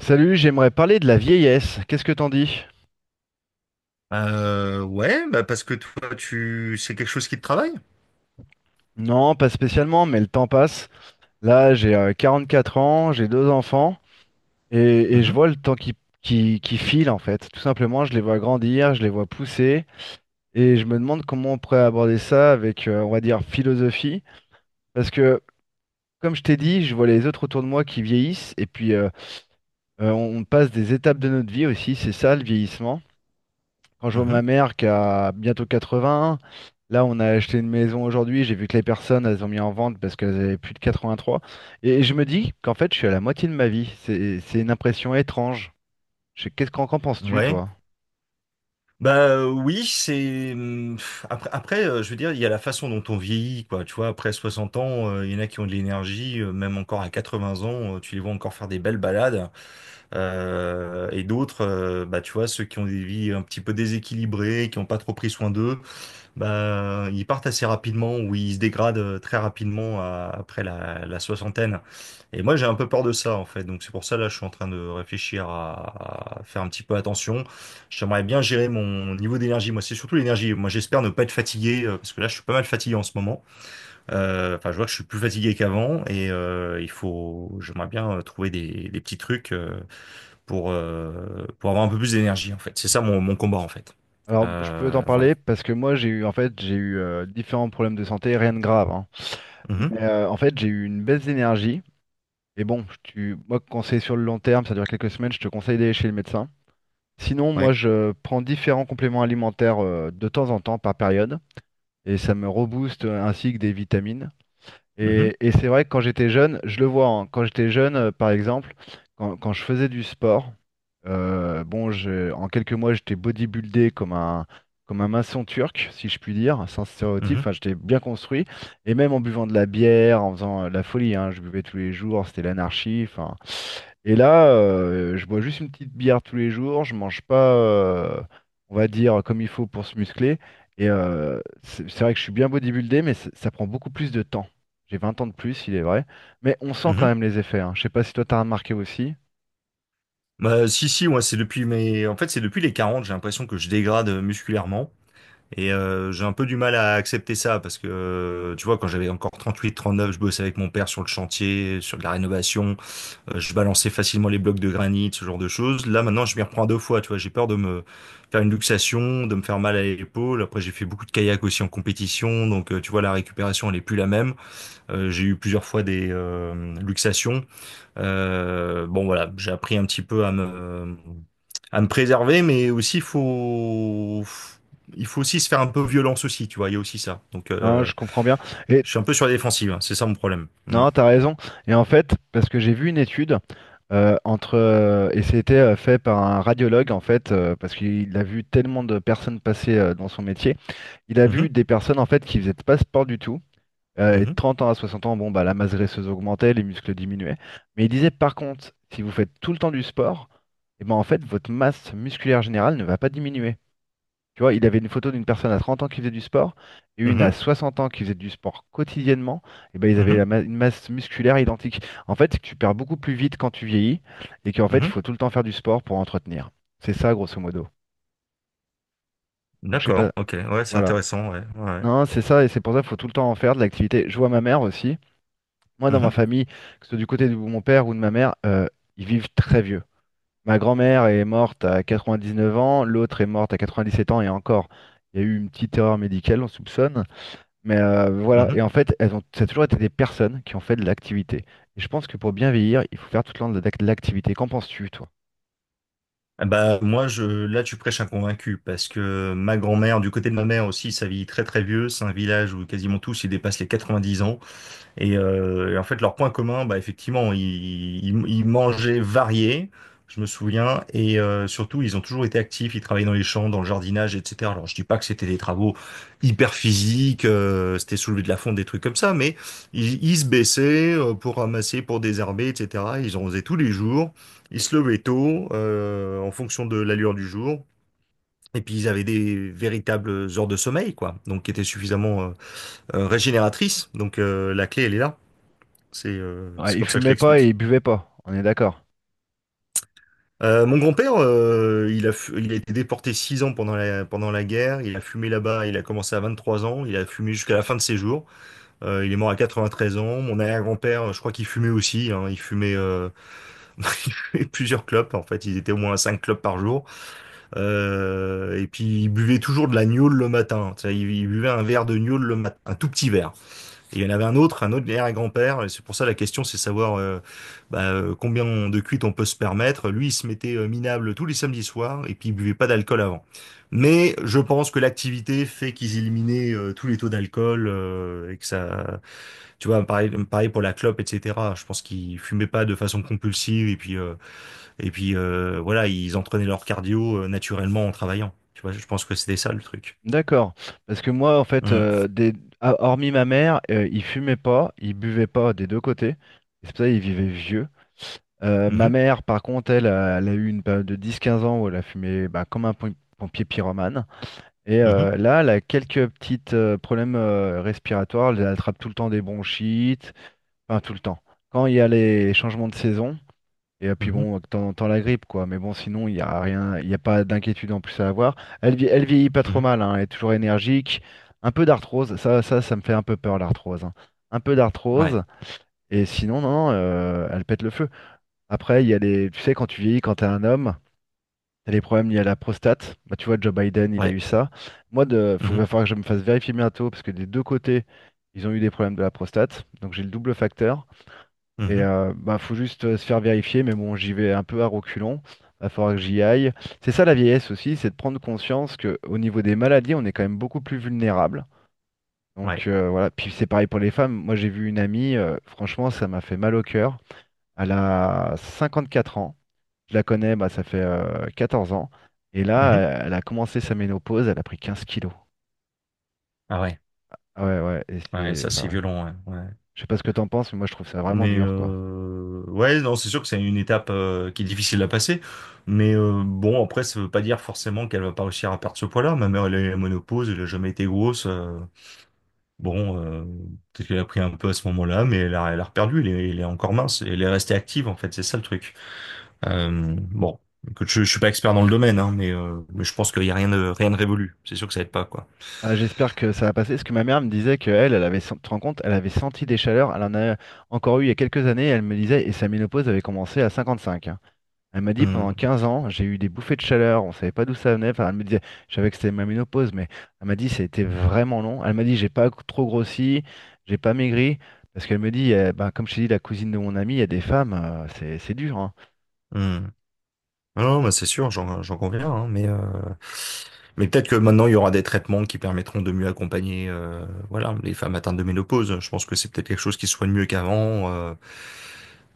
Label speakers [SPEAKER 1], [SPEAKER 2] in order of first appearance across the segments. [SPEAKER 1] Salut, j'aimerais parler de la vieillesse. Qu'est-ce que t'en dis?
[SPEAKER 2] Ouais, bah parce que toi, c'est quelque chose qui te travaille?
[SPEAKER 1] Non, pas spécialement, mais le temps passe. Là, j'ai 44 ans, j'ai deux enfants, et je
[SPEAKER 2] Mhm,
[SPEAKER 1] vois le temps qui file en fait. Tout simplement, je les vois grandir, je les vois pousser, et je me demande comment on pourrait aborder ça avec, on va dire, philosophie. Parce que, comme je t'ai dit, je vois les autres autour de moi qui vieillissent, et puis on passe des étapes de notre vie aussi, c'est ça le vieillissement. Quand je vois
[SPEAKER 2] mhm,
[SPEAKER 1] ma mère qui a bientôt 80, là on a acheté une maison aujourd'hui, j'ai vu que les personnes elles ont mis en vente parce qu'elles avaient plus de 83. Et je me dis qu'en fait je suis à la moitié de ma vie. C'est une impression étrange. Qu'est-ce qu'en penses-tu
[SPEAKER 2] ouais.
[SPEAKER 1] toi?
[SPEAKER 2] Bah, oui, c'est après, je veux dire, il y a la façon dont on vieillit, quoi. Tu vois, après 60 ans, il y en a qui ont de l'énergie, même encore à 80 ans, tu les vois encore faire des belles balades. Et d'autres, bah tu vois, ceux qui ont des vies un petit peu déséquilibrées, qui n'ont pas trop pris soin d'eux. Ben, ils partent assez rapidement ou ils se dégradent très rapidement après la soixantaine. Et moi, j'ai un peu peur de ça, en fait. Donc, c'est pour ça, là, je suis en train de réfléchir à faire un petit peu attention. J'aimerais bien gérer mon niveau d'énergie. Moi, c'est surtout l'énergie. Moi, j'espère ne pas être fatigué, parce que là, je suis pas mal fatigué en ce moment. Enfin, je vois que je suis plus fatigué qu'avant. Et j'aimerais bien trouver des petits trucs pour avoir un peu plus d'énergie, en fait. C'est ça mon combat, en fait.
[SPEAKER 1] Alors je peux t'en
[SPEAKER 2] Voilà.
[SPEAKER 1] parler parce que moi j'ai eu en fait j'ai eu différents problèmes de santé, rien de grave. Hein.
[SPEAKER 2] Mhm.
[SPEAKER 1] Mais en fait j'ai eu une baisse d'énergie. Et bon, moi conseil sur le long terme, ça dure quelques semaines, je te conseille d'aller chez le médecin. Sinon, moi
[SPEAKER 2] Ouais.
[SPEAKER 1] je prends différents compléments alimentaires de temps en temps par période. Et ça me rebooste ainsi que des vitamines.
[SPEAKER 2] Mhm.
[SPEAKER 1] Et c'est vrai que quand j'étais jeune, je le vois, hein, quand j'étais jeune, par exemple, quand je faisais du sport, bon, en quelques mois, j'étais bodybuildé comme un maçon turc, si je puis dire, sans stéréotype,
[SPEAKER 2] Mhm,
[SPEAKER 1] enfin, j'étais bien construit, et même en buvant de la bière, en faisant la folie, hein, je buvais tous les jours, c'était l'anarchie, enfin. Et là, je bois juste une petite bière tous les jours, je mange pas, on va dire, comme il faut pour se muscler, et c'est vrai que je suis bien bodybuildé, mais ça prend beaucoup plus de temps. J'ai 20 ans de plus, il est vrai. Mais on sent quand
[SPEAKER 2] mhm.
[SPEAKER 1] même les effets. Hein. Je sais pas si toi t'as remarqué aussi.
[SPEAKER 2] Bah, si, si, moi, c'est depuis mes... En fait, c'est depuis les 40, j'ai l'impression que je dégrade musculairement. Et j'ai un peu du mal à accepter ça parce que, tu vois, quand j'avais encore 38 39, je bossais avec mon père sur le chantier, sur de la rénovation, je balançais facilement les blocs de granit, ce genre de choses. Là, maintenant, je m'y reprends à deux fois, tu vois, j'ai peur de me faire une luxation, de me faire mal à l'épaule. Après, j'ai fait beaucoup de kayak aussi en compétition, donc, tu vois, la récupération, elle est plus la même. J'ai eu plusieurs fois des luxations. Bon voilà, j'ai appris un petit peu à me préserver, mais aussi faut il faut aussi se faire un peu violence aussi, tu vois. Il y a aussi ça. Donc
[SPEAKER 1] Non, je comprends bien. Et
[SPEAKER 2] je suis un peu sur la défensive, hein, c'est ça mon problème. Mm.
[SPEAKER 1] non, t'as raison. Et en fait, parce que j'ai vu une étude entre et c'était fait par un radiologue en fait, parce qu'il a vu tellement de personnes passer dans son métier. Il a
[SPEAKER 2] Mhm,
[SPEAKER 1] vu des personnes en fait qui faisaient pas de sport du tout. Et de
[SPEAKER 2] mhm,
[SPEAKER 1] 30 ans à 60 ans, bon bah la masse graisseuse augmentait, les muscles diminuaient. Mais il disait par contre, si vous faites tout le temps du sport, et ben en fait votre masse musculaire générale ne va pas diminuer. Tu vois, il avait une photo d'une personne à 30 ans qui faisait du sport et une à
[SPEAKER 2] mhm,
[SPEAKER 1] 60 ans qui faisait du sport quotidiennement. Et ben, ils avaient
[SPEAKER 2] mhm,
[SPEAKER 1] une masse musculaire identique. En fait, c'est que tu perds beaucoup plus vite quand tu vieillis et qu'en fait, il
[SPEAKER 2] mhm.
[SPEAKER 1] faut tout le temps faire du sport pour entretenir. C'est ça, grosso modo. Donc, je sais pas.
[SPEAKER 2] D'accord, ok, ouais, c'est
[SPEAKER 1] Voilà.
[SPEAKER 2] intéressant, ouais, ouais.
[SPEAKER 1] Non, c'est ça et c'est pour ça qu'il faut tout le temps en faire de l'activité. Je vois ma mère aussi. Moi, dans ma
[SPEAKER 2] Mhm,
[SPEAKER 1] famille, que ce soit du côté de mon père ou de ma mère, ils vivent très vieux. Ma grand-mère est morte à 99 ans, l'autre est morte à 97 ans et encore. Il y a eu une petite erreur médicale, on soupçonne. Mais voilà,
[SPEAKER 2] mhm.
[SPEAKER 1] et en fait, elles ont, ça a toujours été des personnes qui ont fait de l'activité. Et je pense que pour bien vieillir, il faut faire tout le temps de l'activité. Qu'en penses-tu, toi?
[SPEAKER 2] Eh ben, moi je là tu prêches un convaincu parce que ma grand-mère du côté de ma mère aussi ça vit très très vieux, c'est un village où quasiment tous ils dépassent les 90 ans. Et en fait, leur point commun, bah, effectivement, ils mangeaient variés, je me souviens, et surtout, ils ont toujours été actifs, ils travaillaient dans les champs, dans le jardinage, etc. Alors, je dis pas que c'était des travaux hyper physiques, c'était soulever de la fonte, des trucs comme ça, mais ils se baissaient pour ramasser, pour désherber, etc. Ils en faisaient tous les jours, ils se levaient tôt, en fonction de l'allure du jour. Et puis ils avaient des véritables heures de sommeil, quoi, donc qui étaient suffisamment régénératrices. Donc la clé, elle est là. C'est
[SPEAKER 1] Ouais, ils
[SPEAKER 2] comme ça que je
[SPEAKER 1] fumaient pas et
[SPEAKER 2] l'explique.
[SPEAKER 1] ils buvaient pas, on est d'accord.
[SPEAKER 2] Mon grand-père, il a été déporté 6 ans pendant la guerre. Il a fumé là-bas, il a commencé à 23 ans. Il a fumé jusqu'à la fin de ses jours. Il est mort à 93 ans. Mon arrière-grand-père, je crois qu'il fumait aussi, hein. Il fumait, il fumait plusieurs clopes. En fait, il était au moins à 5 clopes par jour. Et puis, il buvait toujours de la gnôle le matin. Tu sais, il buvait un verre de gnôle le matin, un tout petit verre. Et il y en avait un autre, arrière-grand-père, et c'est pour ça la question c'est savoir bah, combien de cuites on peut se permettre. Lui, il se mettait minable tous les samedis soirs, et puis il buvait pas d'alcool avant. Mais je pense que l'activité fait qu'ils éliminaient tous les taux d'alcool, et que ça... Tu vois, pareil, pareil pour la clope, etc. Je pense qu'ils fumaient pas de façon compulsive, et puis voilà, ils entraînaient leur cardio naturellement en travaillant. Tu vois, je pense que c'était ça le truc.
[SPEAKER 1] D'accord. Parce que moi, en fait,
[SPEAKER 2] Mhm.
[SPEAKER 1] ah, hormis ma mère, il fumait pas, il buvait pas des deux côtés. Et c'est pour ça qu'il vivait vieux. Ma
[SPEAKER 2] Mhm.
[SPEAKER 1] mère, par contre, elle a eu une période de 10 15 ans où elle a fumé bah, comme un pompier pyromane. Et
[SPEAKER 2] Mhm.
[SPEAKER 1] là, elle a quelques petits problèmes respiratoires. Elle attrape tout le temps des bronchites. Enfin, tout le temps. Quand il y a les changements de saison. Et puis
[SPEAKER 2] Mhm.
[SPEAKER 1] bon, de temps en temps la grippe, quoi. Mais bon, sinon, il n'y a rien, il n'y a pas d'inquiétude en plus à avoir. Elle, elle vieillit pas trop mal, hein. Elle est toujours énergique. Un peu d'arthrose, ça me fait un peu peur, l'arthrose. Hein. Un peu
[SPEAKER 2] Mhm. Ouais.
[SPEAKER 1] d'arthrose. Et sinon, non, non, elle pète le feu. Après, il y a les. Tu sais, quand tu vieillis, quand t'es un homme. T'as les problèmes liés à la prostate. Bah, tu vois, Joe Biden, il a
[SPEAKER 2] Ouais.
[SPEAKER 1] eu ça. Moi, va
[SPEAKER 2] Mhm.
[SPEAKER 1] falloir que je me fasse vérifier bientôt parce que des deux côtés, ils ont eu des problèmes de la prostate. Donc, j'ai le double facteur. Et
[SPEAKER 2] Mmh.
[SPEAKER 1] bah, faut juste se faire vérifier. Mais bon, j'y vais un peu à reculons. Va falloir que j'y aille. C'est ça la vieillesse aussi, c'est de prendre conscience que au niveau des maladies, on est quand même beaucoup plus vulnérable. Donc
[SPEAKER 2] Ouais.
[SPEAKER 1] voilà. Puis c'est pareil pour les femmes. Moi, j'ai vu une amie, franchement, ça m'a fait mal au cœur. Elle a 54 ans. Je la connais, bah, ça fait 14 ans. Et
[SPEAKER 2] Mmh.
[SPEAKER 1] là, elle a commencé sa ménopause, elle a pris 15 kilos.
[SPEAKER 2] Ah ouais.
[SPEAKER 1] Ah, ouais, ouais, et
[SPEAKER 2] Ouais, ça,
[SPEAKER 1] enfin,
[SPEAKER 2] c'est
[SPEAKER 1] ouais.
[SPEAKER 2] violent, ouais, ouais.
[SPEAKER 1] Je sais pas ce que t'en penses, mais moi, je trouve ça vraiment
[SPEAKER 2] Mais
[SPEAKER 1] dur, quoi.
[SPEAKER 2] ouais, non, c'est sûr que c'est une étape, qui est difficile à passer. Mais bon, après, ça veut pas dire forcément qu'elle va pas réussir à perdre ce poids-là. Ma mère, elle a eu la ménopause, elle a jamais été grosse, bon, peut-être qu'elle a pris un peu à ce moment-là, mais elle a reperdu, elle est encore mince. Elle est restée active, en fait, c'est ça le truc. Bon, écoute, je suis pas expert dans le domaine, hein, mais je pense qu'il y a rien de révolu. C'est sûr que ça aide pas, quoi.
[SPEAKER 1] Ah, j'espère que ça va passer, parce que ma mère me disait qu'elle, elle avait, tu te rends compte, elle avait senti des chaleurs, elle en a encore eu il y a quelques années, elle me disait, et sa ménopause avait commencé à 55. Elle m'a dit pendant
[SPEAKER 2] Mmh.
[SPEAKER 1] 15 ans, j'ai eu des bouffées de chaleur, on savait pas d'où ça venait. Enfin, elle me disait, je savais que c'était ma ménopause, mais elle m'a dit, ça a été vraiment long. Elle m'a dit, j'ai pas trop grossi, j'ai pas maigri, parce qu'elle me dit, eh ben, comme je t'ai dit, la cousine de mon ami, il y a des femmes, c'est dur. Hein.
[SPEAKER 2] Mmh. Ah non, bah c'est sûr, j'en conviens, hein, mais peut-être que maintenant il y aura des traitements qui permettront de mieux accompagner voilà les femmes atteintes de ménopause. Je pense que c'est peut-être quelque chose qui se soigne mieux qu'avant. euh,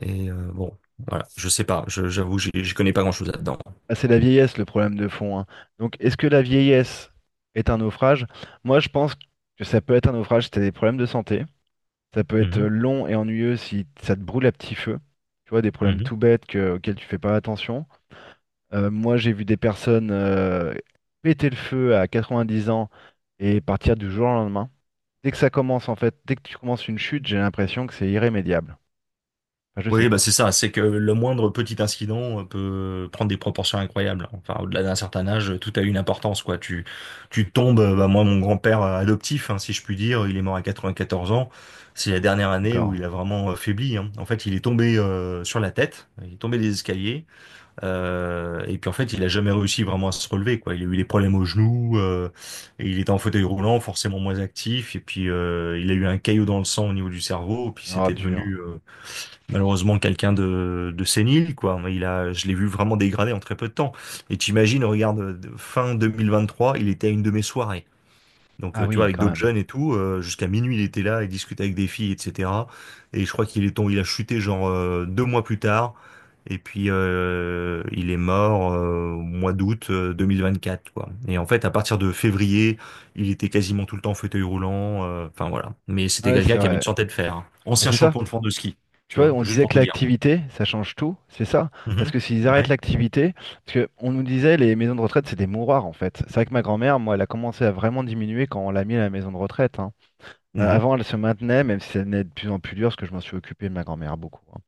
[SPEAKER 2] et euh, bon, voilà, je sais pas, j'avoue, j'y connais pas grand-chose là-dedans.
[SPEAKER 1] Ah, c'est la vieillesse le problème de fond. Hein. Donc, est-ce que la vieillesse est un naufrage? Moi, je pense que ça peut être un naufrage si t'as des problèmes de santé. Ça peut être
[SPEAKER 2] Mhm,
[SPEAKER 1] long et ennuyeux si ça te brûle à petit feu. Tu vois, des problèmes
[SPEAKER 2] mhm.
[SPEAKER 1] tout bêtes auxquels tu fais pas attention. Moi, j'ai vu des personnes péter le feu à 90 ans et partir du jour au lendemain. Dès que ça commence, en fait, dès que tu commences une chute, j'ai l'impression que c'est irrémédiable. Enfin, je sais
[SPEAKER 2] Oui, bah
[SPEAKER 1] pas.
[SPEAKER 2] c'est ça, c'est que le moindre petit incident peut prendre des proportions incroyables. Enfin, au-delà d'un certain âge, tout a une importance, quoi. Tu tombes, bah moi, mon grand-père adoptif, hein, si je puis dire, il est mort à 94 ans. C'est la dernière année où
[SPEAKER 1] D'accord.
[SPEAKER 2] il a vraiment faibli, hein. En fait, il est tombé sur la tête, il est tombé des escaliers, et puis en fait, il a jamais réussi vraiment à se relever, quoi. Il a eu des problèmes aux genoux, et il était en fauteuil roulant, forcément moins actif, et puis il a eu un caillot dans le sang au niveau du cerveau, et puis
[SPEAKER 1] Oh,
[SPEAKER 2] c'était
[SPEAKER 1] dur.
[SPEAKER 2] devenu malheureusement quelqu'un de sénile, quoi. Je l'ai vu vraiment dégradé en très peu de temps. Et t'imagines, regarde, fin 2023, il était à une de mes soirées. Donc,
[SPEAKER 1] Ah
[SPEAKER 2] tu vois,
[SPEAKER 1] oui,
[SPEAKER 2] avec
[SPEAKER 1] quand
[SPEAKER 2] d'autres
[SPEAKER 1] même.
[SPEAKER 2] jeunes et tout, jusqu'à minuit, il était là, il discutait avec des filles, etc. Et je crois qu'il est tombé, il a chuté genre 2 mois plus tard. Et puis, il est mort au mois d'août 2024, quoi. Et en fait, à partir de février, il était quasiment tout le temps en fauteuil roulant. Enfin, voilà. Mais c'était
[SPEAKER 1] Ouais, c'est
[SPEAKER 2] quelqu'un qui avait une
[SPEAKER 1] vrai.
[SPEAKER 2] santé de fer, hein.
[SPEAKER 1] Bah,
[SPEAKER 2] Ancien
[SPEAKER 1] c'est ça.
[SPEAKER 2] champion de France de ski, tu
[SPEAKER 1] Tu vois,
[SPEAKER 2] vois,
[SPEAKER 1] on
[SPEAKER 2] juste
[SPEAKER 1] disait
[SPEAKER 2] pour
[SPEAKER 1] que
[SPEAKER 2] te dire.
[SPEAKER 1] l'activité, ça change tout, c'est ça? Parce
[SPEAKER 2] Mhm.
[SPEAKER 1] que s'ils arrêtent
[SPEAKER 2] Ouais.
[SPEAKER 1] l'activité, parce que on nous disait les maisons de retraite, c'est des mouroirs en fait. C'est vrai que ma grand-mère, moi, elle a commencé à vraiment diminuer quand on l'a mis à la maison de retraite. Hein. Euh,
[SPEAKER 2] Mhm.
[SPEAKER 1] avant, elle se maintenait, même si ça devenait de plus en plus dur, parce que je m'en suis occupé de ma grand-mère beaucoup. Hein.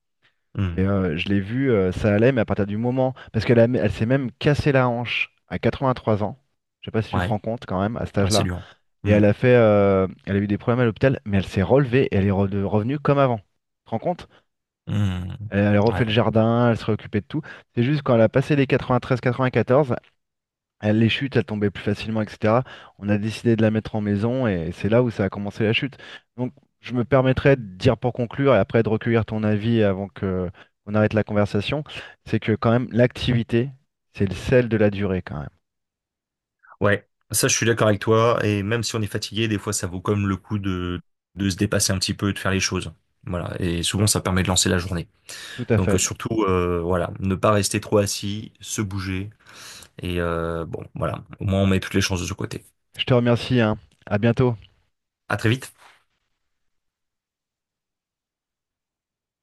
[SPEAKER 1] Et
[SPEAKER 2] Mhm.
[SPEAKER 1] je l'ai vu, ça allait, mais à partir du moment, parce qu'elle s'est même cassé la hanche à 83 ans. Je sais pas si tu te
[SPEAKER 2] Ouais.
[SPEAKER 1] rends compte quand même à cet
[SPEAKER 2] Ouais, c'est
[SPEAKER 1] âge-là.
[SPEAKER 2] dur.
[SPEAKER 1] Et
[SPEAKER 2] Mhm.
[SPEAKER 1] elle a eu des problèmes à l'hôpital, mais elle s'est relevée et elle est revenue comme avant. Tu te rends compte?
[SPEAKER 2] Mhm.
[SPEAKER 1] Elle, elle refait le
[SPEAKER 2] Ouais.
[SPEAKER 1] jardin, elle se réoccupait de tout. C'est juste quand elle a passé les 93-94, les chutes, elles tombaient plus facilement, etc. On a décidé de la mettre en maison et c'est là où ça a commencé la chute. Donc, je me permettrai de dire pour conclure et après de recueillir ton avis avant que on arrête la conversation, c'est que quand même l'activité, c'est le sel de la durée quand même.
[SPEAKER 2] Ouais, ça je suis d'accord avec toi, et même si on est fatigué, des fois ça vaut comme le coup de se dépasser un petit peu et de faire les choses. Voilà, et souvent ça permet de lancer la journée.
[SPEAKER 1] Tout à
[SPEAKER 2] Donc
[SPEAKER 1] fait.
[SPEAKER 2] surtout, voilà, ne pas rester trop assis, se bouger, et bon, voilà, au moins on met toutes les chances de ce côté.
[SPEAKER 1] Je te remercie, hein. À bientôt.
[SPEAKER 2] À très vite.